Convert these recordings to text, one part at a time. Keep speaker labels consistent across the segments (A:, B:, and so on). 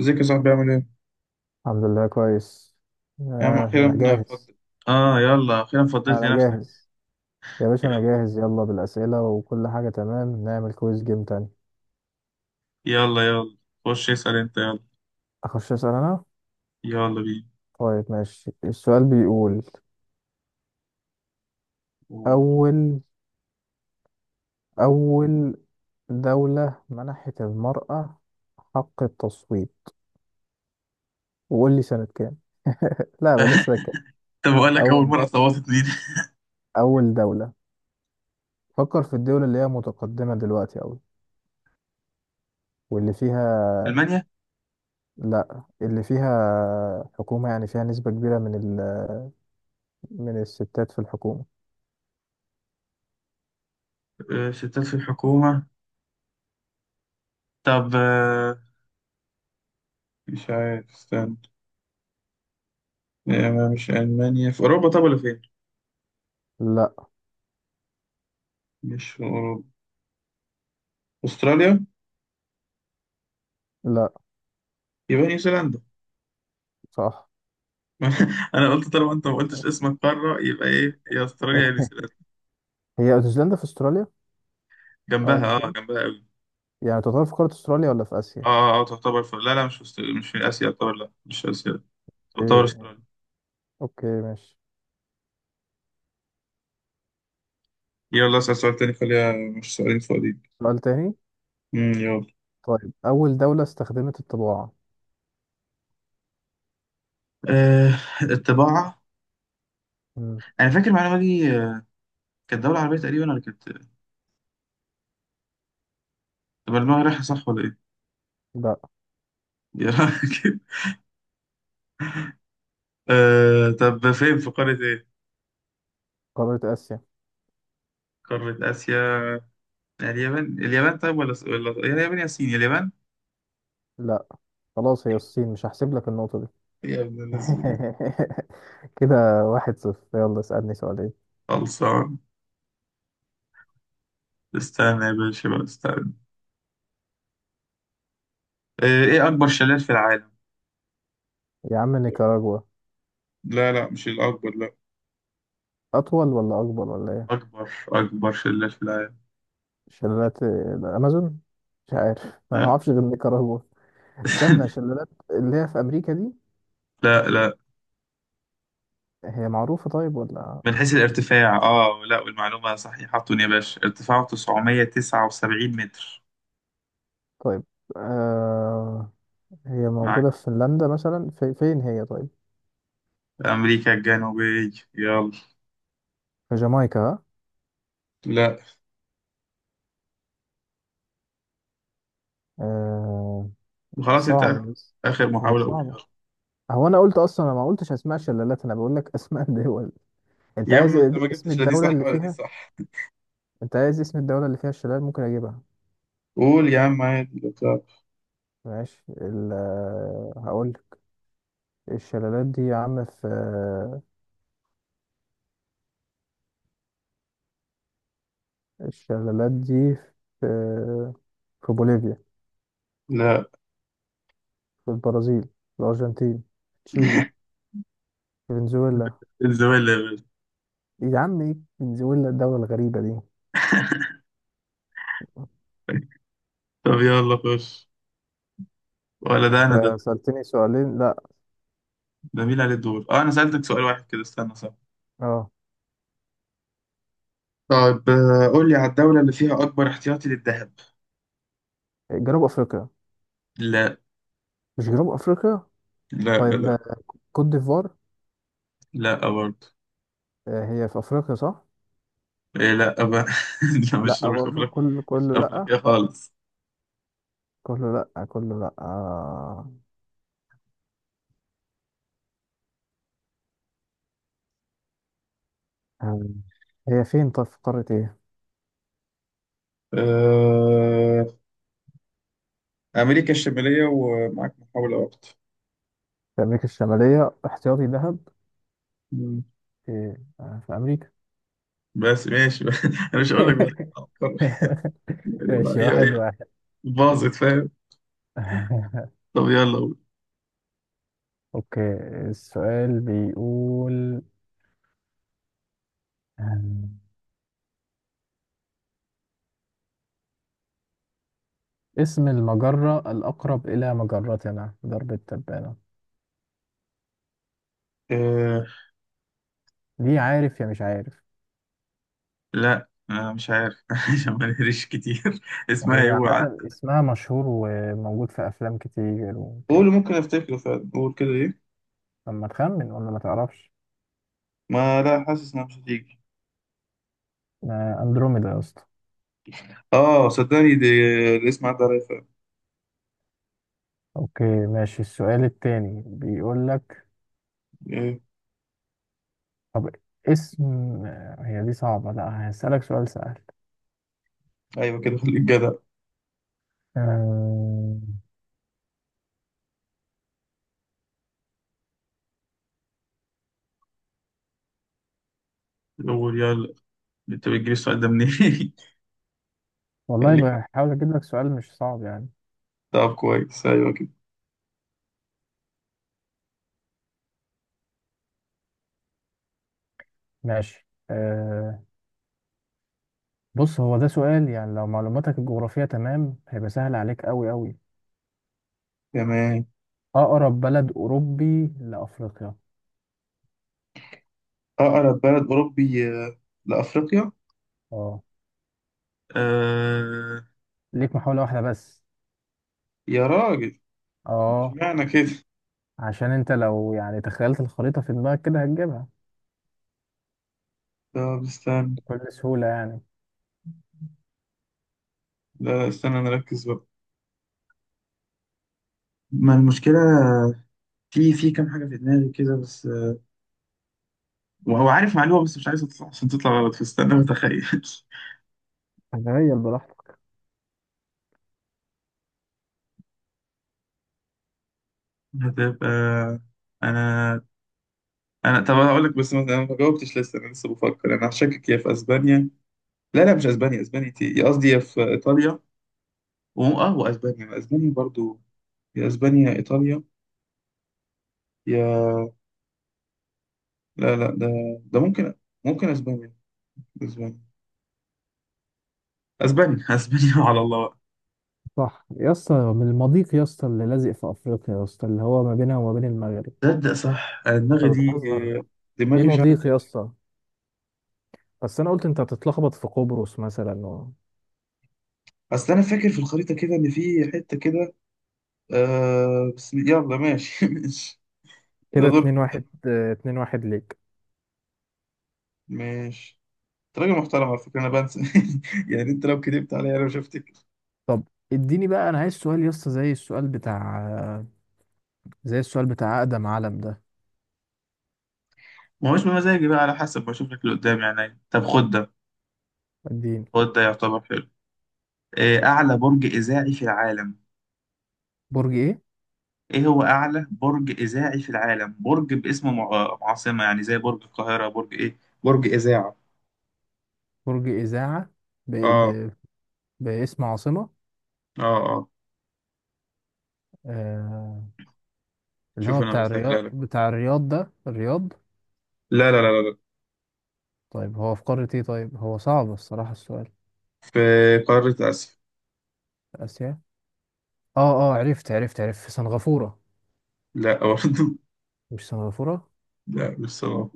A: ازيك يا صاحبي؟ عامل ايه؟
B: الحمد لله كويس.
A: يا عم
B: أنا
A: اخيرا
B: جاهز.
A: اه، يلا اخيرا فضيت
B: أنا
A: لي نفسك.
B: جاهز يا باشا، أنا
A: يلا
B: جاهز. يلا بالأسئلة وكل حاجة تمام، نعمل كويس جيم تاني.
A: يلا يلا، خش اسأل انت. يلا،
B: أخش أسأل أنا.
A: يلا بينا.
B: طيب ماشي، السؤال بيقول:
A: أوه.
B: أول أول دولة منحت المرأة حق التصويت، وقول لي سنة كام. لا، بلاش سنة كام.
A: طب اقول لك، اول
B: أول
A: مرة
B: دولة
A: صوتت مين؟
B: أول دولة. فكر في الدول اللي هي متقدمة دلوقتي أوي، واللي فيها.
A: المانيا.
B: لا، اللي فيها حكومة، يعني فيها نسبة كبيرة من الستات في الحكومة.
A: آه، ستات في الحكومة. طب، مش عارف، استنى. ما مش المانيا في اوروبا؟ طب ولا فين؟
B: لا.
A: مش في اوروبا؟ استراليا.
B: لا.
A: يبقى نيوزيلندا.
B: صح،
A: انا قلت طالما انت ما قلتش اسمك قارة، يبقى ايه؟ يا استراليا يا نيوزيلندا.
B: هي نيوزيلندا في استراليا. اه
A: جنبها، اه
B: نيوزيلندا،
A: جنبها.
B: يعني تعتبر في قارة استراليا ولا في آسيا؟
A: اه اه، تعتبر لا لا، مش مش في اسيا يعتبر، لا مش اسيا، تعتبر
B: إيه.
A: استراليا.
B: اوكي ماشي.
A: يلا اسال سؤال تاني، خليها، مش سؤالين فاضيين؟
B: سؤال تاني.
A: يلا.
B: طيب، أول دولة استخدمت الطباعة.
A: آه، الطباعة.
B: مم.
A: انا فاكر المعلومة دي، كانت دولة عربية تقريبا ولا كانت؟ طب المجر رايحة صح ولا ايه؟
B: لا.
A: يلا كده. آه طب فين؟ في قارة ايه؟
B: قارة آسيا.
A: قارة اسيا. يعني اليابان؟ اليابان طيب؟ ولا يا اليابان يا الصين. اليابان.
B: لا خلاص، هي الصين، مش هحسب لك النقطة دي.
A: يا ابن الذين!
B: كده واحد صفر. يلا اسألني سؤالين.
A: خلصان. استنى يا باشا بقى، استنى. آه، ايه اكبر شلال في العالم؟
B: يا عم نيكاراجوا.
A: لا لا، مش الأكبر، لا.
B: أطول ولا أكبر ولا إيه؟
A: أكبر، أكبر شلة في العالم.
B: شلالات الأمازون. مش عارف، أنا
A: لا.
B: معرفش غير نيكاراجوا. استنى، شلالات اللي هي في أمريكا دي،
A: لا لا.
B: هي معروفة طيب ولا؟
A: من حيث الارتفاع، آه لا، والمعلومة صحيحة يا باشا، ارتفاعه 979 متر.
B: طيب آه هي
A: معاك.
B: موجودة في فنلندا مثلا، في فين هي طيب؟
A: أمريكا الجنوبية. يلا.
B: في جامايكا ها؟
A: لا.
B: آه.
A: وخلاص
B: صعبة
A: أنت.
B: بس.
A: آخر
B: هي
A: محاولة أقول،
B: صعبة.
A: يلا.
B: هو أنا قلت أصلا أنا ما قلتش أسماء شلالات، أنا بقول لك أسماء دول. أنت
A: يا
B: عايز
A: عم
B: إيه؟
A: أنت ما
B: اسم
A: جبتش لا دي
B: الدولة
A: صح
B: اللي
A: ولا دي
B: فيها؟
A: صح.
B: أنت عايز اسم الدولة اللي فيها الشلال؟ ممكن أجيبها.
A: قول يا عم عادي، لا تعب.
B: ماشي، ال آه، هقول لك. الشلالات دي يا عم في، الشلالات دي في آه، في بوليفيا.
A: لا.
B: في البرازيل، الأرجنتين، تشيلي، فنزويلا.
A: الزمالة يا
B: يا عم ايه فنزويلا الدولة الغريبة دي؟
A: باشا. طب يلا خش. ولا ده أنا؟
B: انت
A: ده
B: سألتني سؤالين لا.
A: ده مين عليه الدور؟ آه، أنا سألتك سؤال واحد كده، استنى، صح.
B: اه.
A: طيب قول لي على الدولة اللي فيها أكبر احتياطي للذهب.
B: جنوب افريقيا.
A: لا.
B: مش جنوب افريقيا.
A: لا
B: طيب،
A: لا.
B: كوت ديفوار.
A: لا برضه.
B: هي في افريقيا صح.
A: إيه؟ لا بقى. لا،
B: لا
A: مش مش
B: برضو،
A: أفريقيا.
B: كله
A: مش
B: كله لا
A: أفريقيا خالص.
B: كله لا كله لا آه. آه، هي فين طيب، في قارة ايه؟
A: آه، أمريكا الشمالية، ومعاك محاولة واحدة.
B: في امريكا الشمالية احتياطي ذهب؟
A: مم.
B: في في امريكا.
A: بس ماشي بقى. أنا مش هقول لك بقى. أفكر.
B: ماشي
A: هي،
B: واحد
A: هي
B: واحد.
A: باظت، فاهم؟ طب يلا قول.
B: اوكي، السؤال بيقول، آم، اسم المجرة الأقرب إلى مجرتنا درب التبانة.
A: آه،
B: دي عارف يا مش عارف؟
A: لا، مش عارف، عشان ما نهريش كتير. اسمها
B: هي
A: ايه هو عارف.
B: عامة اسمها مشهور وموجود في أفلام كتير
A: قول،
B: وكده.
A: ممكن افتكره فعلا، قول كده ايه.
B: لما تخمن ولا ما تعرفش.
A: ما لا، حاسس انها مش هتيجي.
B: أندروميدا يا اسطى.
A: اه، صدقني دي الاسم عدى عليا فعلا.
B: أوكي ماشي، السؤال التاني بيقول لك،
A: إيه.
B: طب اسم هي دي صعبة، لا هسألك سؤال سهل.
A: ايوه كده، خليك جدع.
B: آم،
A: هو يلا، انت بتجيب السؤال ده منين؟
B: والله
A: خليك.
B: بحاول أجيب لك سؤال مش صعب يعني.
A: طب كويس، ايوه كده.
B: ماشي، بص، هو ده سؤال يعني لو معلوماتك الجغرافية تمام هيبقى سهل عليك أوي أوي.
A: تمام.
B: أقرب بلد أوروبي لأفريقيا.
A: اقرب بلد اوروبي، لافريقيا.
B: اه.
A: آه...
B: ليك محاولة واحدة بس.
A: يا راجل،
B: اه،
A: اشمعنى كده؟
B: عشان انت لو يعني تخيلت الخريطة في دماغك كده هتجيبها
A: طب استنى.
B: بكل سهولة يعني.
A: لا لا، استنى نركز بقى. ما المشكلة. في كام حاجة في دماغي كده بس، وهو عارف معلومة بس مش عايز تطلع، عشان تطلع غلط، فاستنى بتخيل.
B: تخيل براحتك.
A: هتبقى. انا انا طب انا هقول لك، بس ما انا ما جاوبتش لسه، انا لسه بفكر. انا هشكك يا في اسبانيا، لا لا مش اسبانيا، اسبانيا انت قصدي، يا في ايطاليا، اه واسبانيا، اسبانيا برضو، يا اسبانيا يا ايطاليا، يا لا لا، ده ده ممكن اسبانيا، اسبانيا اسبانيا اسبانيا، على الله بقى.
B: صح يا اسطى، من المضيق يا اسطى اللي لازق في أفريقيا، يا اسطى اللي هو ما بينها وما بين المغرب.
A: تصدق صح، انا دماغي
B: انت
A: دي،
B: بتهزر؟ في
A: دماغي مش عارف.
B: مضيق يا اسطى، بس انا قلت انت هتتلخبط في قبرص مثلا
A: اصل انا فاكر في الخريطه كده ان في حته كده. آه بس يلا ماشي، ماشي. ده
B: كده
A: دور
B: اتنين واحد.
A: كده،
B: اه، اتنين واحد ليك.
A: ماشي. انت راجل محترم على فكره، انا بنسى. يعني انت لو كدبت عليا انا مش هفتكر.
B: طب اديني بقى، انا عايز سؤال يا اسطى زي السؤال بتاع، زي السؤال بتاع اقدم علم ده.
A: ما هوش بمزاجي بقى، على حسب بشوف لك اللي قدامي يعني. طب خد ده،
B: اديني.
A: خد ده يعتبر حلو. أعلى برج إذاعي في العالم.
B: برج ايه؟
A: إيه هو أعلى برج إذاعي في العالم؟ برج باسم عاصمة، يعني زي برج القاهرة، برج إيه؟ برج إذاعة.
B: برج اذاعه. ب...
A: آه
B: ب... باسم عاصمه.
A: آه آه.
B: آه... اللي
A: شوف
B: هو
A: أنا
B: بتاع الرياض،
A: بسهلها لك أهو.
B: بتاع الرياض ده الرياض.
A: لا لا لا لا لا.
B: طيب هو في قاره ايه؟ طيب هو صعب الصراحه السؤال.
A: في قارة آسيا.
B: اسيا. اه اه، عرفت في سنغافوره.
A: لا برضه.
B: مش سنغافوره.
A: لا، مش صلاح.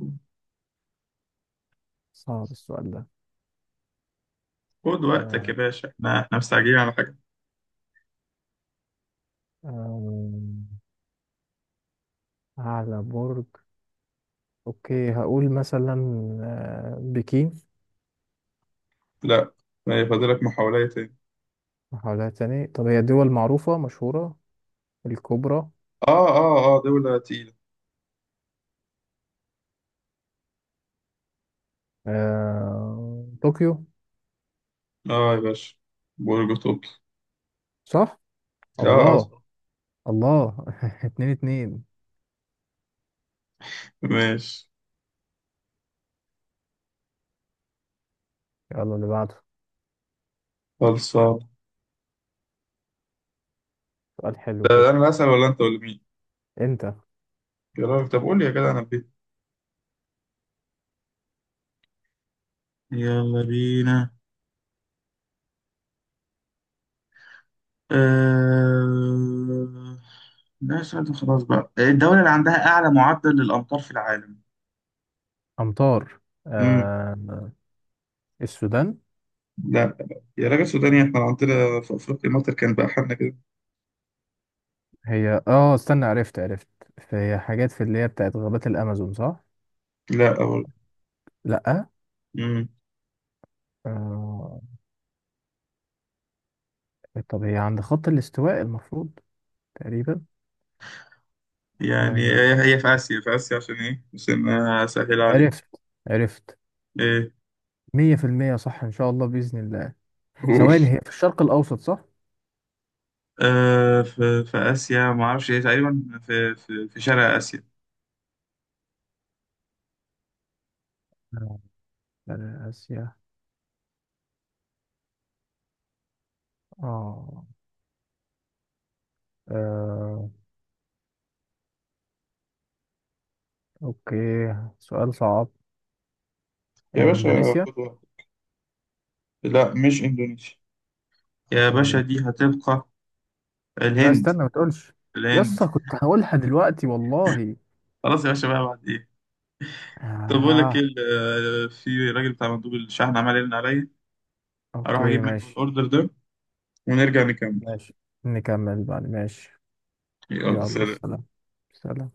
B: صعب السؤال ده.
A: خد وقتك يا
B: آه...
A: باشا، احنا مستعجلين على حاجة؟
B: آه... اعلى برج. اوكي هقول مثلا بكين.
A: لا، يعني فاضلك محاولة تاني.
B: محاولات تاني؟ طب هي دول معروفة مشهورة الكبرى.
A: آه آه آه، دولة تقيلة.
B: طوكيو.
A: آه يا باشا، برج طوكيو.
B: صح؟
A: آه آه،
B: الله.
A: صح.
B: الله. اتنين اتنين.
A: ماشي.
B: يلا اللي بعده،
A: خلصان.
B: سؤال حلو
A: ده انا
B: كده.
A: اللي اسال ولا انت ولا مين؟
B: انت.
A: يا راجل، طب قول لي يا جدع، انا بيه. يلا بينا. أه... ده سؤال، ده خلاص بقى. الدولة اللي عندها أعلى معدل للأمطار في العالم.
B: أمطار
A: امم
B: آه... السودان.
A: لا لا لا. يا راجل سوداني، احنا لو عندنا في أفريقيا مطر كان بقى حالنا كده.
B: هي اه استنى، عرفت. هي حاجات في اللي هي بتاعت غابات الأمازون صح؟
A: لا أول.
B: لأ.
A: امم
B: آه... طب هي عند خط الاستواء المفروض تقريبا.
A: يعني
B: آه...
A: هي، هي في آسيا، في آسيا، عشان إيه؟ عشان أسهل
B: عرفت
A: عليك.
B: عرفت.
A: إيه.
B: 100% صح إن شاء الله بإذن الله.
A: قول.
B: ثواني، هي في الشرق الأوسط صح؟
A: آه، في آسيا، ما أعرفش إيه، تقريبا في في شرق آسيا.
B: آه، شرق آسيا. آه. آه. أوكي، سؤال صعب.
A: يا باشا
B: إندونيسيا؟
A: خد واحد. لا مش إندونيسيا.
B: مش
A: يا
B: في
A: باشا دي
B: إندونيسيا؟
A: هتبقى
B: لا
A: الهند.
B: استنى ما تقولش،
A: الهند.
B: يسا كنت هقولها دلوقتي والله.
A: خلاص يا باشا بقى، بعد ايه؟ طب بقول لك ايه،
B: آه،
A: في راجل بتاع مندوب الشحن عمال يرن عليا، اروح
B: أوكي
A: اجيب منه
B: ماشي.
A: الاوردر ده ونرجع نكمل.
B: ماشي، نكمل بعد، ماشي.
A: يلا
B: يلا
A: سلام.
B: سلام. سلام.